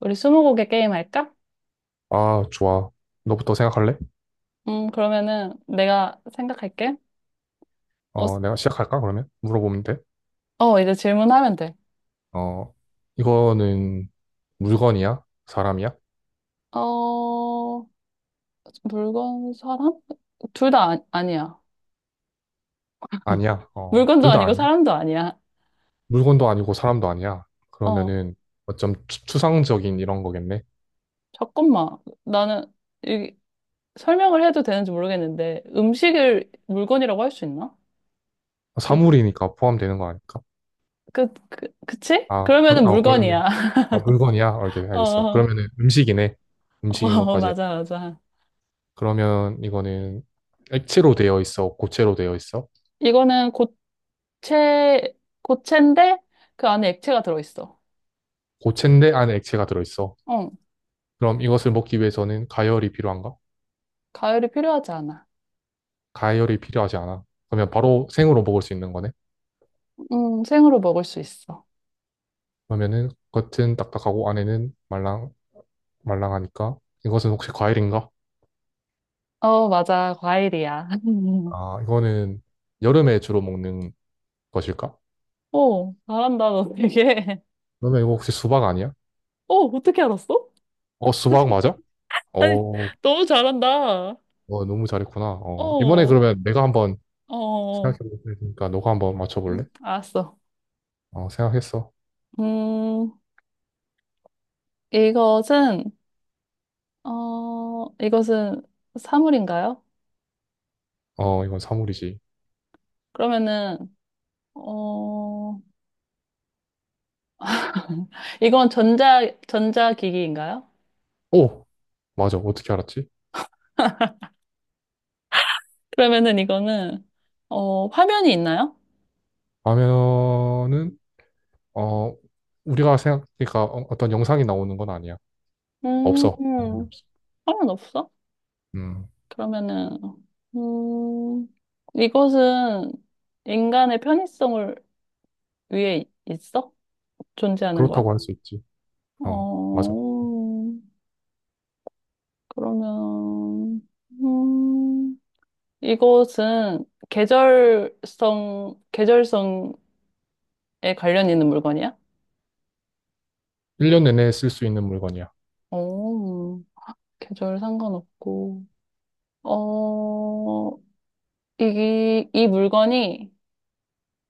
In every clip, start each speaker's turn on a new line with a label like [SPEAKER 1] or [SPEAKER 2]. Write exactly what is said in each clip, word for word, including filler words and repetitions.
[SPEAKER 1] 우리 스무고개 게임 할까?
[SPEAKER 2] 아, 좋아. 너부터 생각할래?
[SPEAKER 1] 음, 그러면은 내가 생각할게. 어,
[SPEAKER 2] 어,
[SPEAKER 1] 스-
[SPEAKER 2] 내가 시작할까, 그러면? 물어보면 돼.
[SPEAKER 1] 어, 이제 질문하면 돼.
[SPEAKER 2] 어, 이거는 물건이야? 사람이야?
[SPEAKER 1] 어, 물건, 사람? 둘 다 아, 아니야.
[SPEAKER 2] 아니야. 어,
[SPEAKER 1] 물건도
[SPEAKER 2] 둘 다
[SPEAKER 1] 아니고
[SPEAKER 2] 아니야.
[SPEAKER 1] 사람도 아니야.
[SPEAKER 2] 물건도 아니고 사람도 아니야.
[SPEAKER 1] 어,
[SPEAKER 2] 그러면은 어쩜 추- 추상적인 이런 거겠네.
[SPEAKER 1] 잠깐만. 나는 이, 설명을 해도 되는지 모르겠는데 음식을 물건이라고 할 수 있나? 그,
[SPEAKER 2] 사물이니까 포함되는 거 아닐까?
[SPEAKER 1] 그, 그, 그치?
[SPEAKER 2] 아, 그럼-
[SPEAKER 1] 그러면은
[SPEAKER 2] 어,
[SPEAKER 1] 물건이야.
[SPEAKER 2] 그러면은, 아, 물건이야? 알겠,
[SPEAKER 1] 어,
[SPEAKER 2] 알겠어.
[SPEAKER 1] 어,
[SPEAKER 2] 그러면은 음식이네. 음식인
[SPEAKER 1] 어,
[SPEAKER 2] 것까지.
[SPEAKER 1] 맞아, 맞아.
[SPEAKER 2] 그러면 이거는 액체로 되어 있어? 고체로 되어 있어?
[SPEAKER 1] 이거는 고체, 고체인데 그 안에 액체가 들어있어.
[SPEAKER 2] 고체인데 안에 액체가 들어있어?
[SPEAKER 1] 어.
[SPEAKER 2] 그럼 이것을 먹기 위해서는 가열이 필요한가?
[SPEAKER 1] 과일이 필요하지 않아.
[SPEAKER 2] 가열이 필요하지 않아. 그러면 바로 생으로 먹을 수 있는 거네.
[SPEAKER 1] 음, 생으로 먹을 수 있어.
[SPEAKER 2] 그러면은 겉은 딱딱하고 안에는 말랑 말랑하니까 이것은 혹시 과일인가?
[SPEAKER 1] 어, 맞아. 과일이야.
[SPEAKER 2] 아, 이거는 여름에 주로 먹는 것일까?
[SPEAKER 1] 오, 잘한다, 너 되게.
[SPEAKER 2] 그러면 이거 혹시 수박 아니야?
[SPEAKER 1] 어, 어떻게 알았어?
[SPEAKER 2] 어, 수박 맞아?
[SPEAKER 1] 아니,
[SPEAKER 2] 어,
[SPEAKER 1] 너무 잘한다.
[SPEAKER 2] 어, 너무 잘했구나.
[SPEAKER 1] 어,
[SPEAKER 2] 어, 이번에
[SPEAKER 1] 어,
[SPEAKER 2] 그러면 내가 한번
[SPEAKER 1] 어.
[SPEAKER 2] 생각해 볼 테니까 너가 한번 맞춰 볼래?
[SPEAKER 1] 음, 알았어.
[SPEAKER 2] 어, 생각했어.
[SPEAKER 1] 음, 이것은, 어, 이것은 사물인가요?
[SPEAKER 2] 어, 이건 사물이지.
[SPEAKER 1] 그러면은, 어, 이건 전자, 전자기기인가요?
[SPEAKER 2] 오! 맞아. 어떻게 알았지?
[SPEAKER 1] 그러면은 이거는, 어, 화면이 있나요?
[SPEAKER 2] 라면은 어, 우리가 생각하니까 어- 어떤 영상이 나오는 건 아니야. 없어. 당연히
[SPEAKER 1] 음,
[SPEAKER 2] 없어.
[SPEAKER 1] 상관없어?
[SPEAKER 2] 음,
[SPEAKER 1] 그러면은, 음, 이것은 인간의 편의성을 위해 있어? 존재하는 거야?
[SPEAKER 2] 그렇다고 할 수 있지. 어, 맞아.
[SPEAKER 1] 어, 그러면, 음, 이것은 계절성, 계절성에 관련 있는 물건이야?
[SPEAKER 2] 일 년 내내 쓸 수 있는 물건이야.
[SPEAKER 1] 어, 계절 상관없고, 어, 이, 이 물건이,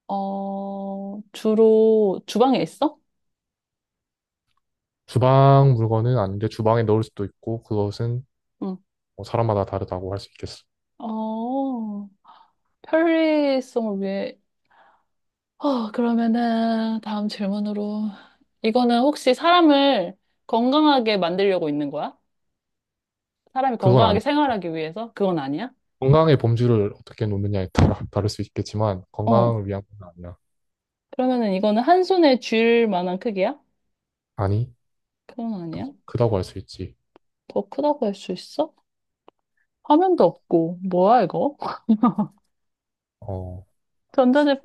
[SPEAKER 1] 어, 주로 주방에 있어?
[SPEAKER 2] 주방 물건은 아닌데 주방에 넣을 수도 있고 그것은
[SPEAKER 1] 응.
[SPEAKER 2] 뭐 사람마다 다르다고 할 수 있겠어.
[SPEAKER 1] 어, 편리성을 위해. 어, 그러면은 다음 질문으로. 이거는 혹시 사람을 건강하게 만들려고 있는 거야? 사람이
[SPEAKER 2] 그건
[SPEAKER 1] 건강하게
[SPEAKER 2] 아니.
[SPEAKER 1] 생활하기 위해서? 그건 아니야?
[SPEAKER 2] 건강의 범주를 어떻게 놓느냐에 따라 다를 수 있겠지만
[SPEAKER 1] 어,
[SPEAKER 2] 건강을 위한 건 아니야.
[SPEAKER 1] 그러면은 이거는 한 손에 쥘 만한 크기야?
[SPEAKER 2] 아니,
[SPEAKER 1] 그건
[SPEAKER 2] 더
[SPEAKER 1] 아니야?
[SPEAKER 2] 크다고 할 수 있지.
[SPEAKER 1] 더 크다고 할 수 있어? 화면도 없고, 뭐야 이거?
[SPEAKER 2] 어,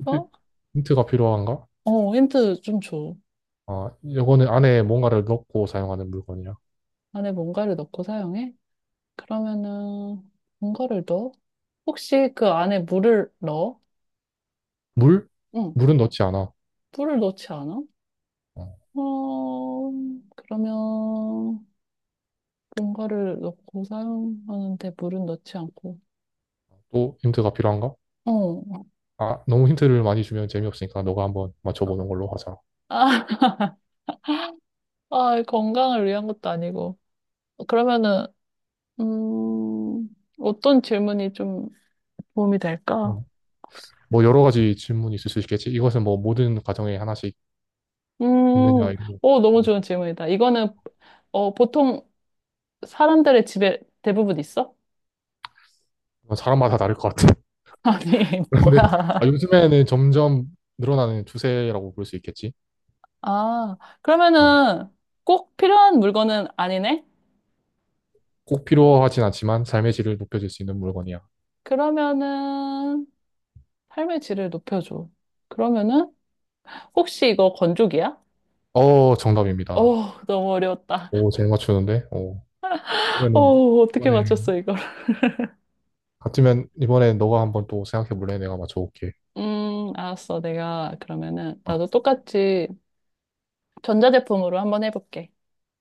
[SPEAKER 2] 힌트- 힌트가 필요한가?
[SPEAKER 1] 어, 힌트 좀 줘.
[SPEAKER 2] 아, 이거는 안에 뭔가를 넣고 사용하는 물건이야.
[SPEAKER 1] 안에 뭔가를 넣고 사용해? 그러면은, 뭔가를 넣어? 혹시 그 안에 물을 넣어?
[SPEAKER 2] 물?
[SPEAKER 1] 응.
[SPEAKER 2] 물은 넣지 않아.
[SPEAKER 1] 물을 넣지 않아?
[SPEAKER 2] 어,
[SPEAKER 1] 어, 그러면 뭔가를 넣고 사용하는데 물은 넣지 않고.
[SPEAKER 2] 또 힌트가 필요한가?
[SPEAKER 1] 어.
[SPEAKER 2] 아, 너무 힌트를 많이 주면 재미없으니까 너가 한번 맞춰보는 걸로 하자.
[SPEAKER 1] 아, 아, 건강을 위한 것도 아니고. 그러면은, 음, 어떤 질문이 좀 도움이 될까?
[SPEAKER 2] 어. 뭐 여러 가지 질문이 있을 수 있겠지. 이것은 뭐 모든 가정에 하나씩
[SPEAKER 1] 음,
[SPEAKER 2] 있느냐, 이거.
[SPEAKER 1] 오, 너무 좋은 질문이다. 이거는, 어, 보통 사람들의 집에 대부분 있어?
[SPEAKER 2] 사람마다 다를 것 같아.
[SPEAKER 1] 아니,
[SPEAKER 2] 그런데 아,
[SPEAKER 1] 뭐야.
[SPEAKER 2] 요즘에는 점점 늘어나는 추세라고 볼 수 있겠지.
[SPEAKER 1] 아,
[SPEAKER 2] 어.
[SPEAKER 1] 그러면은 꼭 필요한 물건은 아니네?
[SPEAKER 2] 꼭 필요하진 않지만 삶의 질을 높여줄 수 있는 물건이야.
[SPEAKER 1] 그러면은, 삶의 질을 높여줘. 그러면은 혹시 이거 건조기야?
[SPEAKER 2] 어, 정답입니다.
[SPEAKER 1] 어, 너무 어려웠다.
[SPEAKER 2] 오, 잘 맞추는데? 오. 그러면은
[SPEAKER 1] 어, 어떻게
[SPEAKER 2] 이번에
[SPEAKER 1] 맞췄어, 이걸?
[SPEAKER 2] 같으면 이번에 너가 한번 또 생각해 볼래? 내가 맞춰볼게.
[SPEAKER 1] 음, 알았어. 내가 그러면은
[SPEAKER 2] 어.
[SPEAKER 1] 나도 똑같이 전자제품으로 한번 해볼게.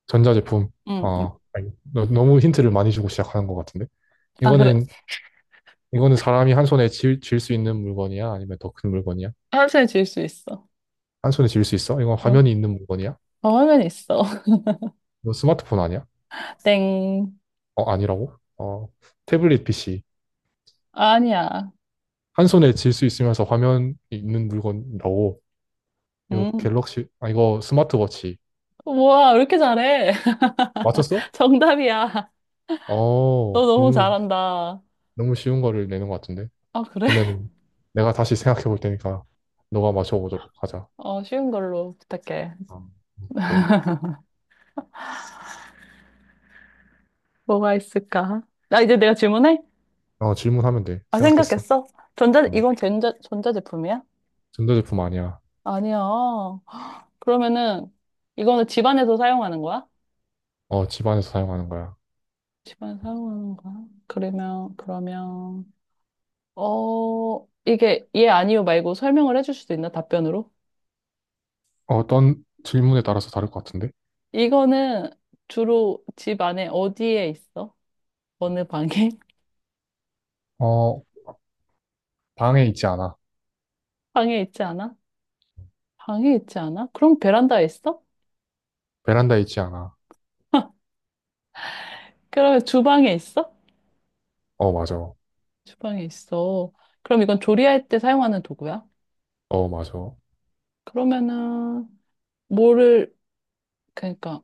[SPEAKER 2] 전자제품.
[SPEAKER 1] 음,
[SPEAKER 2] 어, 너, 너무 힌트를 많이 주고 시작하는 것 같은데.
[SPEAKER 1] 아, 그래.
[SPEAKER 2] 이거는, 이거는 사람이 한 손에 쥘, 쥘수 있는 물건이야? 아니면 더 큰 물건이야?
[SPEAKER 1] 화살 지을 수 있어.
[SPEAKER 2] 한 손에 쥘 수 있어? 이건
[SPEAKER 1] 어,
[SPEAKER 2] 화면이 있는 물건이야?
[SPEAKER 1] 화면 있어.
[SPEAKER 2] 이거 스마트폰 아니야?
[SPEAKER 1] 땡.
[SPEAKER 2] 어, 아니라고? 어, 태블릿 피씨.
[SPEAKER 1] 아니야.
[SPEAKER 2] 한 손에 쥘 수 있으면서 화면이 있는 물건이라고. 이거
[SPEAKER 1] 음.
[SPEAKER 2] 갤럭시, 아, 이거 스마트워치.
[SPEAKER 1] 우와, 왜 이렇게 잘해?
[SPEAKER 2] 맞췄어?
[SPEAKER 1] 정답이야. 너
[SPEAKER 2] 어,
[SPEAKER 1] 너무
[SPEAKER 2] 너무,
[SPEAKER 1] 잘한다.
[SPEAKER 2] 너무 쉬운 거를 내는 것 같은데.
[SPEAKER 1] 아, 그래?
[SPEAKER 2] 그러면은 내가 다시 생각해 볼 테니까 너가 맞춰보도록 하자.
[SPEAKER 1] 어, 쉬운 걸로 부탁해.
[SPEAKER 2] 어, 그래.
[SPEAKER 1] 뭐가 있을까? 나 이제 내가 질문해?
[SPEAKER 2] 어, 질문하면 돼.
[SPEAKER 1] 아,
[SPEAKER 2] 생각했어.
[SPEAKER 1] 생각했어? 전자,
[SPEAKER 2] 어,
[SPEAKER 1] 이건 전자, 전자제품이야?
[SPEAKER 2] 전자제품 아니야.
[SPEAKER 1] 아니야. 그러면은, 이거는 집안에서 사용하는 거야?
[SPEAKER 2] 어, 집안에서 사용하는 거야.
[SPEAKER 1] 집안에서 사용하는 거야? 그러면, 그러면, 어, 이게 예, 아니요 말고 설명을 해줄 수도 있나? 답변으로?
[SPEAKER 2] 어떤 질문에 따라서 다를 것 같은데?
[SPEAKER 1] 이거는 주로 집 안에 어디에 있어? 어느 방에?
[SPEAKER 2] 어, 방에 있지 않아.
[SPEAKER 1] 방에 있지 않아? 방에 있지 않아? 그럼 베란다에 있어?
[SPEAKER 2] 베란다에 있지 않아.
[SPEAKER 1] 그러면 주방에 있어?
[SPEAKER 2] 어, 맞아.
[SPEAKER 1] 주방에 있어. 그럼 이건 조리할 때 사용하는 도구야?
[SPEAKER 2] 어, 맞아.
[SPEAKER 1] 그러면은, 뭐를, 그러니까,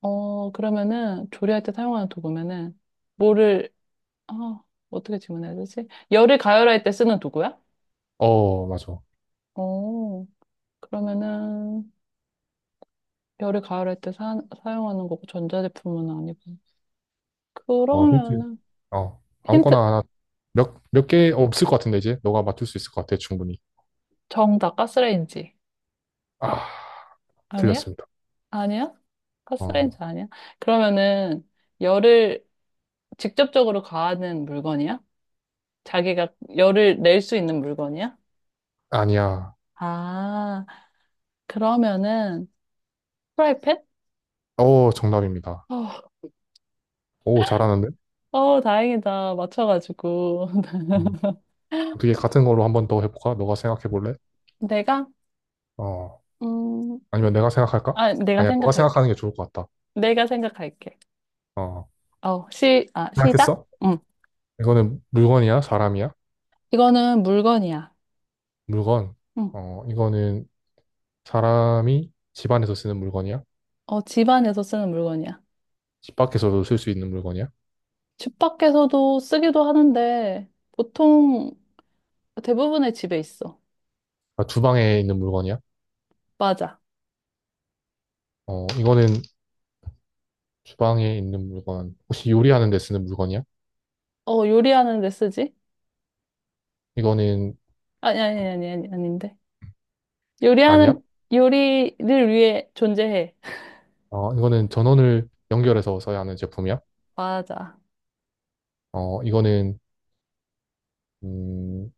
[SPEAKER 1] 어, 그러면은, 조리할 때 사용하는 도구면은, 뭐를, 아, 어떻게 질문해야 되지? 열을 가열할 때 쓰는 도구야?
[SPEAKER 2] 어, 맞아.
[SPEAKER 1] 어, 그러면은, 열을 가열할 때 사, 사용하는 거고, 전자제품은 아니고.
[SPEAKER 2] 어, 힌트.
[SPEAKER 1] 그러면은,
[SPEAKER 2] 어,
[SPEAKER 1] 힌트,
[SPEAKER 2] 아무거나 하나. 몇, 몇 개 없을 것 같은데, 이제? 너가 맞출 수 있을 것 같아, 충분히.
[SPEAKER 1] 정답, 가스레인지.
[SPEAKER 2] 아,
[SPEAKER 1] 아니야?
[SPEAKER 2] 틀렸습니다.
[SPEAKER 1] 아니야? 가스레인지
[SPEAKER 2] 어,
[SPEAKER 1] 아니야? 그러면은, 열을 직접적으로 가하는 물건이야? 자기가 열을 낼 수 있는 물건이야?
[SPEAKER 2] 아니야.
[SPEAKER 1] 아, 그러면은, 프라이팬?
[SPEAKER 2] 어, 정답입니다.
[SPEAKER 1] 어,
[SPEAKER 2] 오, 잘하는데?
[SPEAKER 1] 어, 다행이다. 맞춰가지고.
[SPEAKER 2] 음, 어떻게 같은 걸로 한번 더 해볼까? 너가 생각해 볼래?
[SPEAKER 1] 내가,
[SPEAKER 2] 어.
[SPEAKER 1] 음,
[SPEAKER 2] 아니면 내가 생각할까?
[SPEAKER 1] 아, 내가
[SPEAKER 2] 아니야, 너가
[SPEAKER 1] 생각할게.
[SPEAKER 2] 생각하는 게 좋을 것 같다.
[SPEAKER 1] 내가 생각할게.
[SPEAKER 2] 어,
[SPEAKER 1] 어, 시, 아, 시작?
[SPEAKER 2] 생각했어?
[SPEAKER 1] 응.
[SPEAKER 2] 이거는 물건이야? 사람이야?
[SPEAKER 1] 이거는 물건이야.
[SPEAKER 2] 물건.
[SPEAKER 1] 응.
[SPEAKER 2] 어, 이거는 사람이 집 안에서 쓰는 물건이야?
[SPEAKER 1] 어, 집안에서 쓰는 물건이야.
[SPEAKER 2] 집 밖에서도 쓸 수 있는 물건이야?
[SPEAKER 1] 집 밖에서도 쓰기도 하는데, 보통 대부분의 집에 있어.
[SPEAKER 2] 아, 주방에 있는 물건이야?
[SPEAKER 1] 맞아.
[SPEAKER 2] 어, 이거는 주방에 있는 물건. 혹시 요리하는 데 쓰는 물건이야?
[SPEAKER 1] 어, 요리하는 데 쓰지?
[SPEAKER 2] 이거는
[SPEAKER 1] 아니, 아니, 아니, 아니, 아닌데.
[SPEAKER 2] 아니야?
[SPEAKER 1] 요리하는, 요리를 위해 존재해.
[SPEAKER 2] 어, 이거는 전원을 연결해서 써야 하는 제품이야?
[SPEAKER 1] 맞아.
[SPEAKER 2] 어, 이거는 음,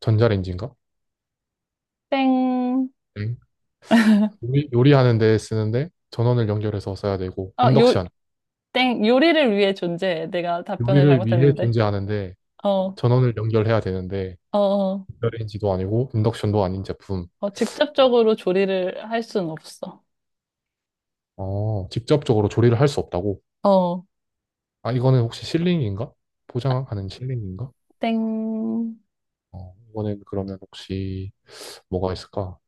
[SPEAKER 2] 전자레인지인가?
[SPEAKER 1] 땡.
[SPEAKER 2] 응. 요리, 요리하는 데 쓰는데 전원을 연결해서 써야 되고
[SPEAKER 1] 아, 요,
[SPEAKER 2] 인덕션.
[SPEAKER 1] 땡, 요리를 위해 존재해. 내가 답변을
[SPEAKER 2] 요리를 위해
[SPEAKER 1] 잘못했는데.
[SPEAKER 2] 존재하는데
[SPEAKER 1] 어,
[SPEAKER 2] 전원을 연결해야 되는데
[SPEAKER 1] 어, 어,
[SPEAKER 2] 연결레인지도 아니고 인덕션도 아닌 제품.
[SPEAKER 1] 어, 직접적으로 조리를 할 순 없어.
[SPEAKER 2] 어, 직접적으로 조리를 할 수 없다고?
[SPEAKER 1] 어,
[SPEAKER 2] 아, 이거는 혹시 실링인가? 포장하는 실링인가?
[SPEAKER 1] 땡,
[SPEAKER 2] 어, 이거는 그러면 혹시 뭐가 있을까?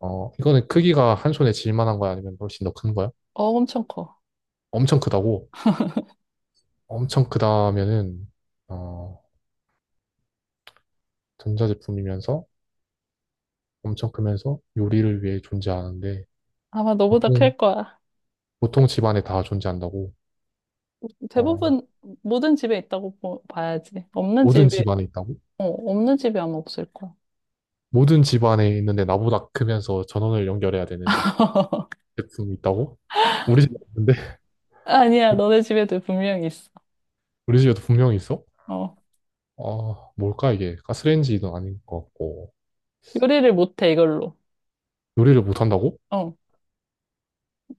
[SPEAKER 2] 어, 이거는 크기가 한 손에 쥘 만한 거야? 아니면 훨씬 더 큰 거야?
[SPEAKER 1] 어, 엄청 커.
[SPEAKER 2] 엄청 크다고? 엄청 크다면은 어, 전자제품이면서 엄청 크면서 요리를 위해 존재하는데
[SPEAKER 1] 아마 너보다
[SPEAKER 2] 보통
[SPEAKER 1] 클 거야.
[SPEAKER 2] 보통 집안에 다 존재한다고? 어,
[SPEAKER 1] 대부분 모든 집에 있다고 보- 봐야지. 없는
[SPEAKER 2] 모든
[SPEAKER 1] 집에,
[SPEAKER 2] 집안에 있다고?
[SPEAKER 1] 어, 없는 집이 아마 없을 거야.
[SPEAKER 2] 모든 집 안에 있는데 나보다 크면서 전원을 연결해야 되는 제품이 있다고? 우리 집 없는데?
[SPEAKER 1] 아니야, 너네 집에도 분명히 있어.
[SPEAKER 2] 우리 집에도 분명히 있어?
[SPEAKER 1] 어,
[SPEAKER 2] 아, 뭘까 이게? 가스레인지도 아닌 것 같고.
[SPEAKER 1] 요리를 못해, 이걸로.
[SPEAKER 2] 요리를 못한다고?
[SPEAKER 1] 어,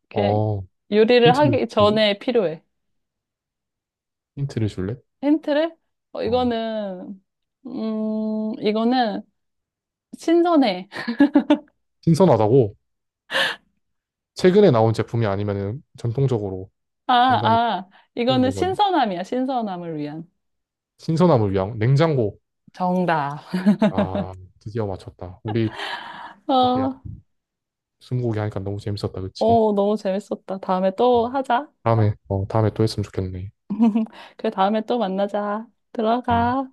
[SPEAKER 1] 그냥
[SPEAKER 2] 어,
[SPEAKER 1] 요리를
[SPEAKER 2] 힌트를
[SPEAKER 1] 하기
[SPEAKER 2] 줄래?
[SPEAKER 1] 전에 필요해.
[SPEAKER 2] 힌트를 줄래?
[SPEAKER 1] 힌트를? 어,
[SPEAKER 2] 어.
[SPEAKER 1] 이거는, 음, 이거는 신선해.
[SPEAKER 2] 신선하다고? 최근에 나온 제품이 아니면은 전통적으로
[SPEAKER 1] 아,
[SPEAKER 2] 인간이
[SPEAKER 1] 아,
[SPEAKER 2] 쓰는
[SPEAKER 1] 이거는
[SPEAKER 2] 물건.
[SPEAKER 1] 신선함이야, 신선함을 위한.
[SPEAKER 2] 신선함을 위한 냉장고.
[SPEAKER 1] 정답.
[SPEAKER 2] 아, 드디어 맞췄다. 우리 이렇게
[SPEAKER 1] 어,
[SPEAKER 2] 스무고개 하니까 너무 재밌었다, 그치?
[SPEAKER 1] 어, 너무 재밌었다. 다음에 또
[SPEAKER 2] 어,
[SPEAKER 1] 하자.
[SPEAKER 2] 다음에, 어, 다음에 또 했으면 좋겠네.
[SPEAKER 1] 그래, 다음에 또 만나자.
[SPEAKER 2] 음.
[SPEAKER 1] 들어가.